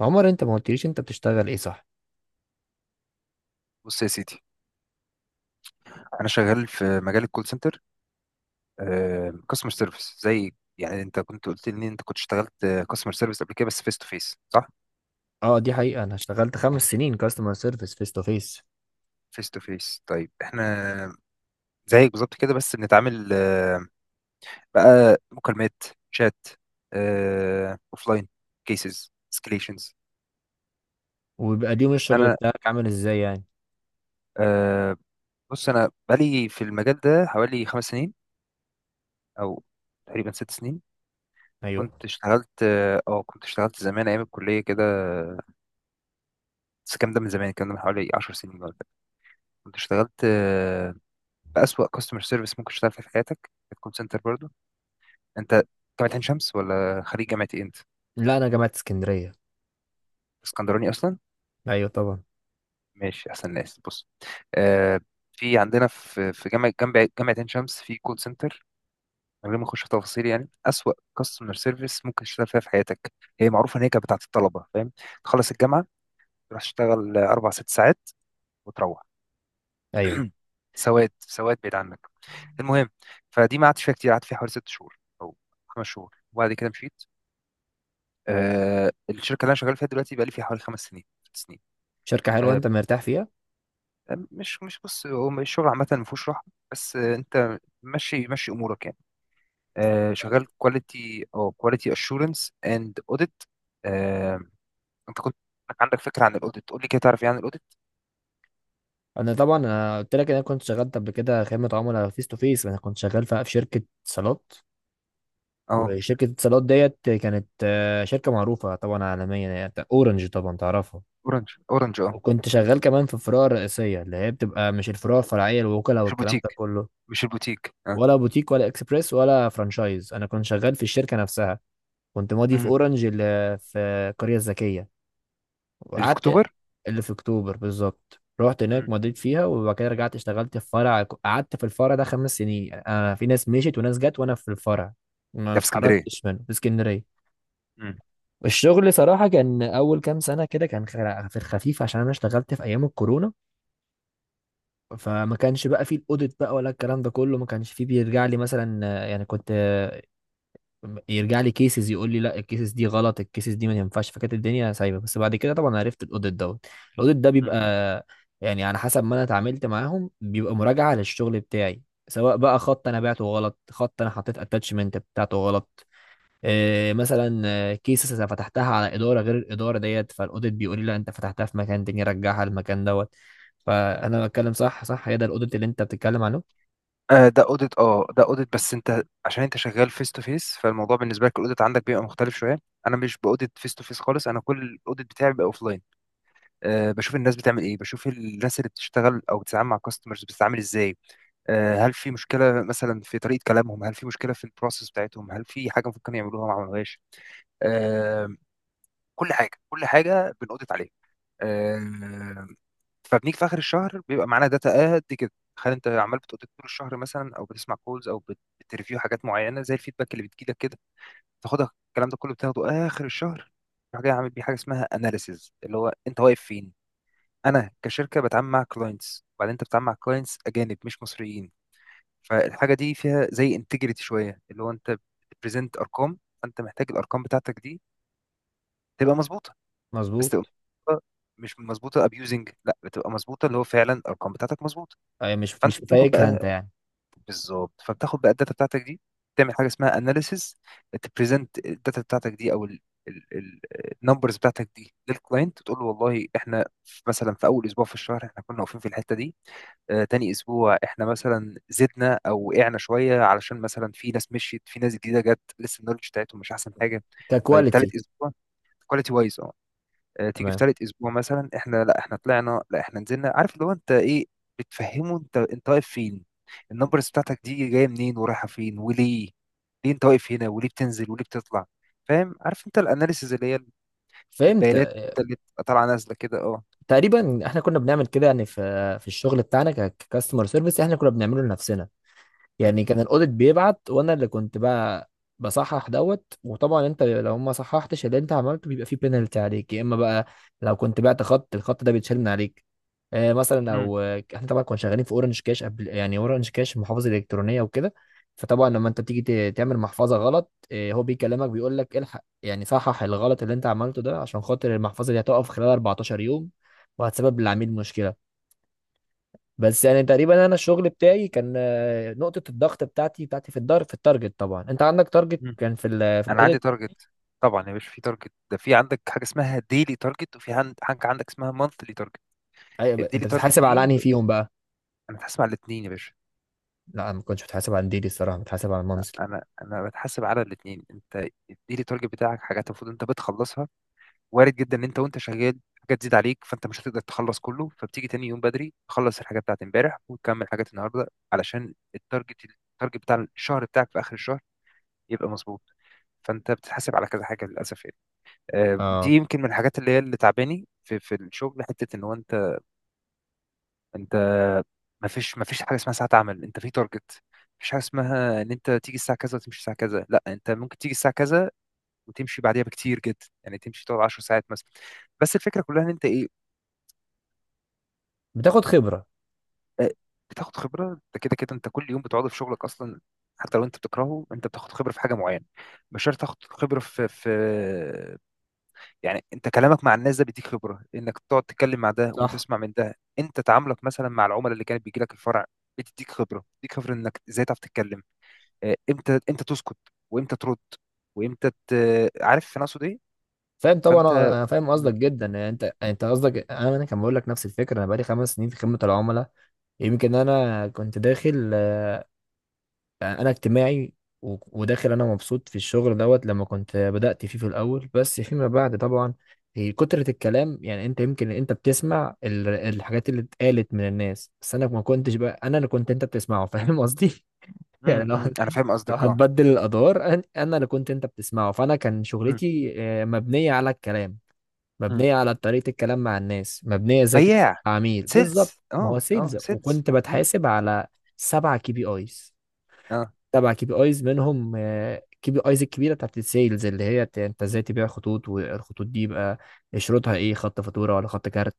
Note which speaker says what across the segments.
Speaker 1: عمر، انت ما قلتليش انت بتشتغل ايه، صح؟
Speaker 2: بص يا سيدي، انا شغال في مجال الكول سنتر، كاستمر سيرفيس زي يعني. انت كنت قلت لي ان انت كنت اشتغلت كاستمر سيرفيس قبل كده بس فيس تو فيس، صح؟
Speaker 1: اه، دي حقيقة. انا اشتغلت 5 سنين كاستمر سيرفيس فيس تو فيس.
Speaker 2: فيس تو فيس. طيب احنا زيك بالظبط كده، بس بنتعامل بقى مكالمات، شات، اوفلاين، كيسز، اسكليشنز.
Speaker 1: وبيبقى اليوم الشغل
Speaker 2: انا
Speaker 1: بتاعك عامل ازاي يعني؟
Speaker 2: آه، بص، انا بقالي في المجال ده حوالي خمس سنين او تقريبا ست سنين.
Speaker 1: ايوه.
Speaker 2: كنت اشتغلت كنت اشتغلت زمان ايام الكليه كده، بس الكلام ده من زمان، الكلام ده من حوالي 10 سنين ولا حاجة. كنت اشتغلت بأسوأ كاستمر سيرفيس ممكن تشتغل فيه في حياتك في كول سنتر برضه. انت جامعة عين شمس ولا خريج جامعة ايه انت؟
Speaker 1: لا، انا جامعة اسكندرية.
Speaker 2: اسكندراني اصلا؟
Speaker 1: ايوه طبعا.
Speaker 2: ماشي، احسن ناس. بص، آه، في عندنا في جامعة جنب جامعة عين شمس في كول سنتر، من غير ما اخش في تفاصيل، يعني أسوأ كاستمر سيرفيس ممكن تشتغل فيها في حياتك. هي معروفة ان هي كانت بتاعت الطلبة، فاهم؟ تخلص الجامعة، تروح تشتغل اربع ست ساعات وتروح.
Speaker 1: ايوه،
Speaker 2: سواد سواد بعيد عنك. المهم، فدي ما قعدتش فيها كتير، قعدت فيها حوالي ست شهور او خمس شهور وبعد كده مشيت. آه، الشركه اللي انا شغال فيها دلوقتي بقى لي فيها حوالي خمس سنين ست سنين.
Speaker 1: شركة حلوة،
Speaker 2: آه.
Speaker 1: انت مرتاح فيها؟
Speaker 2: مش بص، هو الشغل عامه ما فيهوش راحه، بس آه، انت ماشي ماشي امورك يعني. آه، شغال كواليتي او كواليتي اشورنس اند اوديت. انت كنت عندك فكره عن الاوديت؟ قول لي كده تعرف ايه عن الاوديت.
Speaker 1: انا طبعا، انا قلت لك ان انا كنت شغال قبل كده خدمة عملاء فيس تو فيس. انا كنت شغال في شركة اتصالات.
Speaker 2: اه.
Speaker 1: وشركة اتصالات ديت كانت شركة معروفة طبعا عالميا، يعني اورنج طبعا تعرفها.
Speaker 2: اورنج، اورنج، اه.
Speaker 1: وكنت شغال كمان في الفروع الرئيسية، اللي هي بتبقى مش الفروع الفرعية، الوكلاء
Speaker 2: مش
Speaker 1: والكلام ده
Speaker 2: البوتيك.
Speaker 1: كله.
Speaker 2: مش البوتيك، اه.
Speaker 1: ولا بوتيك ولا اكسبريس ولا فرانشايز، انا كنت شغال في الشركه نفسها. كنت ماضي في
Speaker 2: امم.
Speaker 1: اورنج اللي في القريه الذكيه،
Speaker 2: اللي في
Speaker 1: وقعدت.
Speaker 2: اكتوبر.
Speaker 1: اللي في اكتوبر بالظبط، رحت
Speaker 2: امم.
Speaker 1: هناك مضيت فيها، وبعد كده رجعت اشتغلت في فرع. قعدت في الفرع ده 5 سنين. انا، في ناس مشيت وناس جت وانا في الفرع، ما
Speaker 2: ده في اسكندريه.
Speaker 1: اتحركتش منه، في اسكندريه. الشغل صراحه كان اول كام سنه كده كان في الخفيف، عشان انا اشتغلت في ايام الكورونا. فما كانش بقى فيه الاوديت بقى ولا الكلام ده كله. ما كانش فيه بيرجع لي مثلا، يعني كنت يرجع لي كيسز، يقول لي لا، الكيسز دي غلط، الكيسز دي ما ينفعش. فكانت الدنيا سايبه، بس بعد كده طبعا عرفت الاوديت دوت. الاوديت ده
Speaker 2: مم.
Speaker 1: بيبقى، يعني على حسب ما انا اتعاملت معاهم، بيبقى مراجعه للشغل بتاعي، سواء بقى خط انا بعته غلط، خط انا حطيت اتاتشمنت بتاعته غلط، إيه مثلا كيسز انا فتحتها على اداره غير الاداره ديت، فالاوديت بيقول لي لا، انت فتحتها في مكان تاني، رجعها المكان دوت. فانا بتكلم صح؟ صح، هي ده الاوديت اللي انت بتتكلم عنه؟
Speaker 2: ده اوديت، اه، ده اوديت، بس انت عشان انت شغال فيس تو فيس، فالموضوع بالنسبه لك الاوديت عندك بيبقى مختلف شويه. انا مش باوديت فيس تو فيس خالص، انا كل الاوديت بتاعي بيبقى اوف لاين. أه، بشوف الناس بتعمل ايه، بشوف الناس اللي بتشتغل او بتتعامل مع كاستمرز بتتعامل ازاي. أه، هل في مشكله مثلا في طريقه كلامهم، هل في مشكله في البروسيس بتاعتهم، هل في حاجه ممكن يعملوها ما عملوهاش. أه. كل حاجه بنأوديت عليها. أه. فبنيجي في اخر الشهر بيبقى معانا داتا قد كده. تخيل انت عمال بتقضي طول الشهر مثلا، او بتسمع كولز، او بتريفيو حاجات معينه زي الفيدباك اللي بتجيلك كده، تاخدها. الكلام ده كله بتاخده اخر الشهر، تروح جاي عامل بيه حاجه اسمها اناليسيز، اللي هو انت واقف فين. انا كشركه بتعامل مع كلاينتس، وبعدين انت بتتعامل مع كلاينتس اجانب مش مصريين، فالحاجه دي فيها زي انتجريتي شويه، اللي هو انت بتبريزنت ارقام. فانت محتاج الارقام بتاعتك دي تبقى مظبوطه، بس
Speaker 1: مظبوط.
Speaker 2: تبقى مظبوطة. مش مظبوطه ابيوزنج، لا، بتبقى مظبوطه، اللي هو فعلا الارقام بتاعتك مظبوطه.
Speaker 1: أي، مش
Speaker 2: فانت بتاخد
Speaker 1: فايكها
Speaker 2: بقى،
Speaker 1: انت يعني.
Speaker 2: بالظبط، فبتاخد بقى الداتا بتاعتك دي، تعمل حاجه اسمها اناليسيز، تبريزنت الداتا بتاعتك دي او النمبرز بتاعتك دي للكلاينت. تقول له والله احنا مثلا في اول اسبوع في الشهر احنا كنا واقفين في الحته دي. آه، تاني اسبوع احنا مثلا زدنا او وقعنا شويه، علشان مثلا في ناس مشيت في ناس جديده جت، لسه النولج بتاعتهم مش احسن حاجه. طيب
Speaker 1: ككواليتي.
Speaker 2: تالت اسبوع، كواليتي وايز، تيجي في
Speaker 1: تمام،
Speaker 2: ثالث اسبوع مثلا، احنا لا احنا طلعنا لا احنا نزلنا. عارف اللي هو انت ايه بتفهمه، انت انت واقف فين، النمبرز بتاعتك دي جايه منين ورايحه فين وليه. ليه انت واقف هنا، وليه بتنزل وليه بتطلع. فاهم؟ عارف انت الاناليسيز، اللي هي
Speaker 1: فهمت.
Speaker 2: البيانات اللي بتبقى طالعه نازله كده، اه.
Speaker 1: تقريبا احنا كنا بنعمل كده، يعني في الشغل بتاعنا ككاستمر سيرفيس احنا كنا بنعمله لنفسنا.
Speaker 2: مم.
Speaker 1: يعني كان الاوديت بيبعت، وانا اللي كنت بقى بصحح دوت. وطبعا انت لو ما صححتش اللي انت عملته بيبقى فيه بينالتي عليك، يا اما بقى لو كنت بعت خط، الخط ده بيتشال من عليك. مثلا
Speaker 2: مم.
Speaker 1: لو احنا طبعا كنا شغالين في اورنج كاش قبل، يعني اورنج كاش محافظه الكترونيه وكده. فطبعا لما انت بتيجي تعمل محفظه غلط، هو بيكلمك بيقول لك الحق، يعني صحح الغلط اللي انت عملته ده عشان خاطر المحفظه دي هتقف خلال 14 يوم، وهتسبب للعميل مشكله. بس يعني تقريبا، انا الشغل بتاعي كان نقطة الضغط بتاعتي في الدار، في التارجت. طبعا انت عندك تارجت،
Speaker 2: مم.
Speaker 1: كان في في
Speaker 2: انا عندي
Speaker 1: الاوديت.
Speaker 2: تارجت. طبعا يا باشا في تارجت، ده في عندك حاجه اسمها ديلي تارجت، وفي حاجه عندك اسمها مانثلي تارجت.
Speaker 1: أيوة،
Speaker 2: الديلي
Speaker 1: انت
Speaker 2: تارجت
Speaker 1: بتتحاسب على
Speaker 2: دي،
Speaker 1: انهي فيهم بقى؟
Speaker 2: انا هسمع الاثنين يا باشا.
Speaker 1: لا، انا ما كنتش بتحاسب على ديلي الصراحة، بتحاسب على المنزل.
Speaker 2: انا بتحاسب على الاثنين. انت اديلي التارجت بتاعك حاجات المفروض انت بتخلصها، وارد جدا ان انت وانت شغال حاجات تزيد عليك، فانت مش هتقدر تخلص كله، فبتيجي تاني يوم بدري تخلص الحاجات بتاعت امبارح وتكمل حاجات النهارده علشان التارجت، التارجت بتاع الشهر بتاعك في اخر الشهر يبقى مظبوط. فانت بتتحاسب على كذا حاجه للاسف يعني. دي
Speaker 1: اه،
Speaker 2: يمكن من الحاجات اللي هي اللي تعباني في في الشغل، حته ان هو انت. انت ما فيش حاجه اسمها ساعه عمل، انت في تارجت. مفيش حاجه اسمها ان انت تيجي الساعه كذا وتمشي الساعه كذا، لا، انت ممكن تيجي الساعه كذا وتمشي بعديها بكتير جدا، يعني تمشي تقعد 10 ساعات مثلا. بس الفكره كلها ان انت ايه؟
Speaker 1: بتاخد خبرة.
Speaker 2: آه، بتاخد خبره. انت كده كده انت كل يوم بتقعد في شغلك اصلا، حتى لو انت بتكرهه انت بتاخد خبره في حاجه معينه. مش شرط تاخد خبره في يعني. انت كلامك مع الناس ده بيديك خبره، انك تقعد تتكلم مع ده
Speaker 1: صح.
Speaker 2: وتسمع من ده. انت تعاملك مثلا مع العملاء اللي كانت بيجي لك الفرع بتديك خبره، بتديك خبره انك ازاي تعرف تتكلم، امتى تسكت، وامتى ترد، وامتى ت... عارف انا اقصد ايه.
Speaker 1: فاهم طبعا،
Speaker 2: فانت
Speaker 1: انا فاهم
Speaker 2: م-
Speaker 1: قصدك جدا يعني. انت يعني انت قصدك، انا كان بقول لك نفس الفكرة، انا بقالي 5 سنين في خدمة العملاء. يمكن انا كنت داخل، يعني انا اجتماعي. وداخل، انا مبسوط في الشغل دوت لما كنت بدأت فيه في الاول، بس فيما بعد طبعا، هي كترة الكلام. يعني انت يمكن انت بتسمع الحاجات اللي اتقالت من الناس، بس انا ما كنتش بقى انا اللي كنت انت بتسمعه. فاهم قصدي؟
Speaker 2: امم
Speaker 1: يعني لو
Speaker 2: امم انا فاهم
Speaker 1: لو
Speaker 2: قصدك، اه.
Speaker 1: هنبدل الادوار، انا اللي كنت انت بتسمعه، فانا كان
Speaker 2: امم
Speaker 1: شغلتي مبنية على الكلام،
Speaker 2: امم
Speaker 1: مبنية على طريقة الكلام مع الناس، مبنية ازاي تكسب
Speaker 2: بياع،
Speaker 1: عميل، بالظبط.
Speaker 2: سيلز،
Speaker 1: ما هو
Speaker 2: اه، اه،
Speaker 1: سيلز،
Speaker 2: سيلز.
Speaker 1: وكنت
Speaker 2: امم
Speaker 1: بتحاسب
Speaker 2: امم
Speaker 1: على سبعة KPIs.
Speaker 2: اه.
Speaker 1: تبع KPIs منهم، كي بي ايز الكبيره بتاعت السيلز، اللي هي انت ازاي تبيع خطوط، والخطوط دي يبقى شروطها ايه، خط فاتوره ولا خط كارت.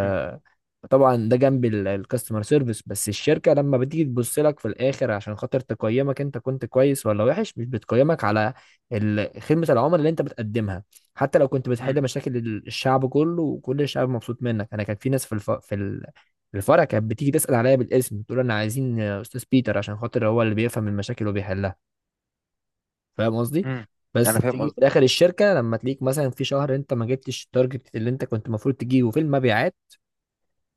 Speaker 2: امم
Speaker 1: ده جنب الكاستمر سيرفيس. بس الشركه لما بتيجي تبص لك في الاخر عشان خاطر تقيمك، انت كنت كويس ولا وحش، مش بتقيمك على خدمه العملاء اللي انت بتقدمها. حتى لو كنت
Speaker 2: امم
Speaker 1: بتحل مشاكل الشعب كله، وكل الشعب مبسوط منك. انا كان في ناس في في الفرع كانت بتيجي تسال عليا بالاسم، تقول انا عايزين استاذ بيتر عشان خاطر هو اللي بيفهم المشاكل وبيحلها. فاهم قصدي؟
Speaker 2: امم
Speaker 1: بس
Speaker 2: انا فاهم
Speaker 1: بتيجي في
Speaker 2: قصدك،
Speaker 1: الاخر
Speaker 2: اه.
Speaker 1: الشركه لما تلاقيك مثلا في شهر انت ما جبتش التارجت اللي انت كنت المفروض تجيبه في المبيعات،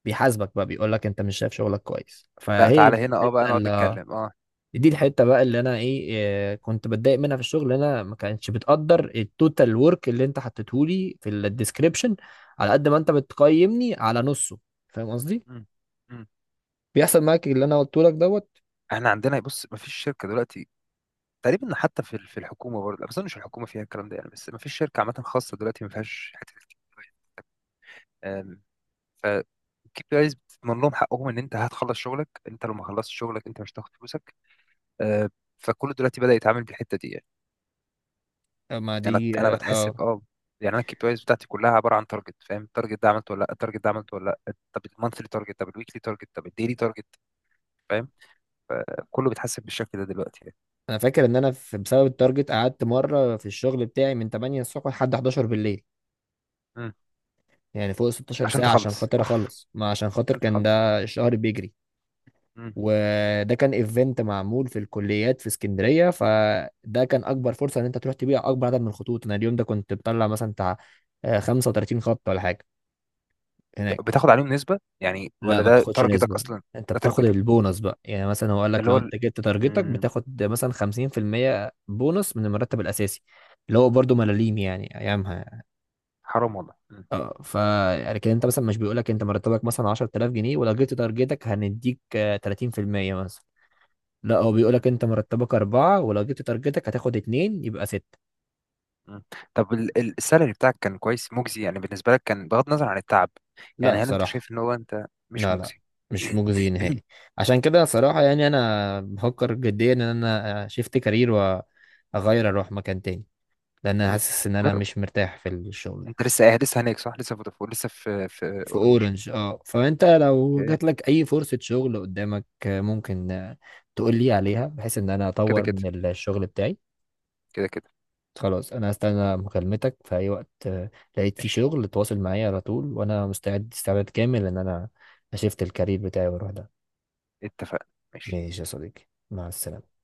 Speaker 1: بيحاسبك بقى بيقول لك انت مش شايف شغلك كويس.
Speaker 2: لا،
Speaker 1: فهي
Speaker 2: تعالى
Speaker 1: دي
Speaker 2: هنا، اه، بقى
Speaker 1: الحته
Speaker 2: نقعد
Speaker 1: اللي،
Speaker 2: نتكلم، اه.
Speaker 1: دي الحته بقى اللي انا ايه، كنت بتضايق منها في الشغل، إن انا ما كانتش بتقدر التوتال ورك اللي انت حطيته لي في الديسكريبشن، على قد ما انت بتقيمني على نصه. فاهم قصدي؟
Speaker 2: امم امم.
Speaker 1: بيحصل معاك اللي انا قلته لك دوت.
Speaker 2: احنا عندنا، بص، ما فيش شركه دلوقتي تقريبا، حتى في في الحكومه برضه، لا، بس انا مش الحكومه فيها الكلام ده يعني، بس ما فيش شركه عامه خاصه دلوقتي ما فيهاش حته آم، ف كيب بيز بتضمن لهم حقهم ان انت هتخلص شغلك، انت لو ما خلصت شغلك انت مش هتاخد فلوسك. آه، فكله دلوقتي بدأ يتعامل بالحته دي يعني.
Speaker 1: آه، ما
Speaker 2: انا
Speaker 1: دي
Speaker 2: انا
Speaker 1: اه،
Speaker 2: بتحسب،
Speaker 1: آه.
Speaker 2: اه. يعني انا الكي بي ايز بتاعتي كلها عباره عن تارجت، فاهم؟ التارجت ده عملته ولا لا، التارجت ده عملته ولا لا، طب المانثلي تارجت، طب الويكلي تارجت، طب الديلي تارجت. فاهم؟ كله بيتحسب بالشكل ده دلوقتي يعني.
Speaker 1: انا فاكر ان انا بسبب التارجت قعدت مره في الشغل بتاعي من 8 الصبح لحد 11 بالليل.
Speaker 2: مم.
Speaker 1: يعني فوق 16
Speaker 2: عشان
Speaker 1: ساعه عشان
Speaker 2: تخلص
Speaker 1: خاطر
Speaker 2: اوف،
Speaker 1: اخلص، ما عشان خاطر
Speaker 2: عشان
Speaker 1: كان
Speaker 2: تخلص.
Speaker 1: ده الشهر بيجري.
Speaker 2: مم.
Speaker 1: وده كان ايفنت معمول في الكليات في اسكندريه، فده كان اكبر فرصه ان انت تروح تبيع اكبر عدد من الخطوط. انا اليوم ده كنت بطلع مثلا بتاع 35 خط ولا حاجه، هناك.
Speaker 2: بتاخد عليهم نسبه يعني
Speaker 1: لا،
Speaker 2: ولا
Speaker 1: ما
Speaker 2: ده
Speaker 1: بتاخدش
Speaker 2: تارجتك
Speaker 1: نسبه.
Speaker 2: اصلا؟
Speaker 1: انت
Speaker 2: ده
Speaker 1: بتاخد
Speaker 2: تارجتك،
Speaker 1: البونص بقى يعني، مثلا هو قال
Speaker 2: ده
Speaker 1: لك
Speaker 2: اللي
Speaker 1: لو
Speaker 2: هو ال...
Speaker 1: انت جبت تارجتك
Speaker 2: مم.
Speaker 1: بتاخد مثلا 50% بونص من المرتب الاساسي، اللي هو برضه ملاليم يعني ايامها.
Speaker 2: حرام والله. مم.
Speaker 1: اه. لكن انت مثلا مش بيقول لك انت مرتبك مثلا 10,000 جنيه، ولو جبت تارجتك هنديك 30% مثلا. لا، هو
Speaker 2: مم.
Speaker 1: بيقولك انت مرتبك اربعة، ولو جبت تارجتك هتاخد اتنين يبقى ستة.
Speaker 2: مم. طب السالري بتاعك كان كويس مجزي يعني بالنسبه لك، كان بغض النظر عن التعب.
Speaker 1: لا
Speaker 2: يعني هل انت
Speaker 1: بصراحة.
Speaker 2: شايف ان هو انت مش
Speaker 1: لا، لا،
Speaker 2: مجزي؟
Speaker 1: مش مجزي نهائي. عشان كده صراحة يعني أنا بفكر جديا إن أنا شيفت كارير وأغير، أروح مكان تاني، لأن أنا
Speaker 2: مم.
Speaker 1: حاسس إن أنا
Speaker 2: جرب.
Speaker 1: مش مرتاح في الشغل ده.
Speaker 2: انت لسه قاعد لسه هناك صح، لسه فودافون لسه في في
Speaker 1: في
Speaker 2: اورنج.
Speaker 1: أورنج، أه. فأنت لو
Speaker 2: اوكي.
Speaker 1: جاتلك أي فرصة شغل قدامك ممكن تقول لي عليها، بحيث إن أنا
Speaker 2: كده
Speaker 1: أطور
Speaker 2: كده،
Speaker 1: من الشغل بتاعي.
Speaker 2: كده كده.
Speaker 1: خلاص، انا هستنى مكالمتك في اي وقت. لقيت فيه
Speaker 2: ماشي.
Speaker 1: شغل، تواصل معايا على طول، وانا مستعد استعداد كامل ان انا اشفت الكارير بتاعي واروح ده.
Speaker 2: اتفقنا. ماشي.
Speaker 1: ماشي يا صديقي، مع السلامة.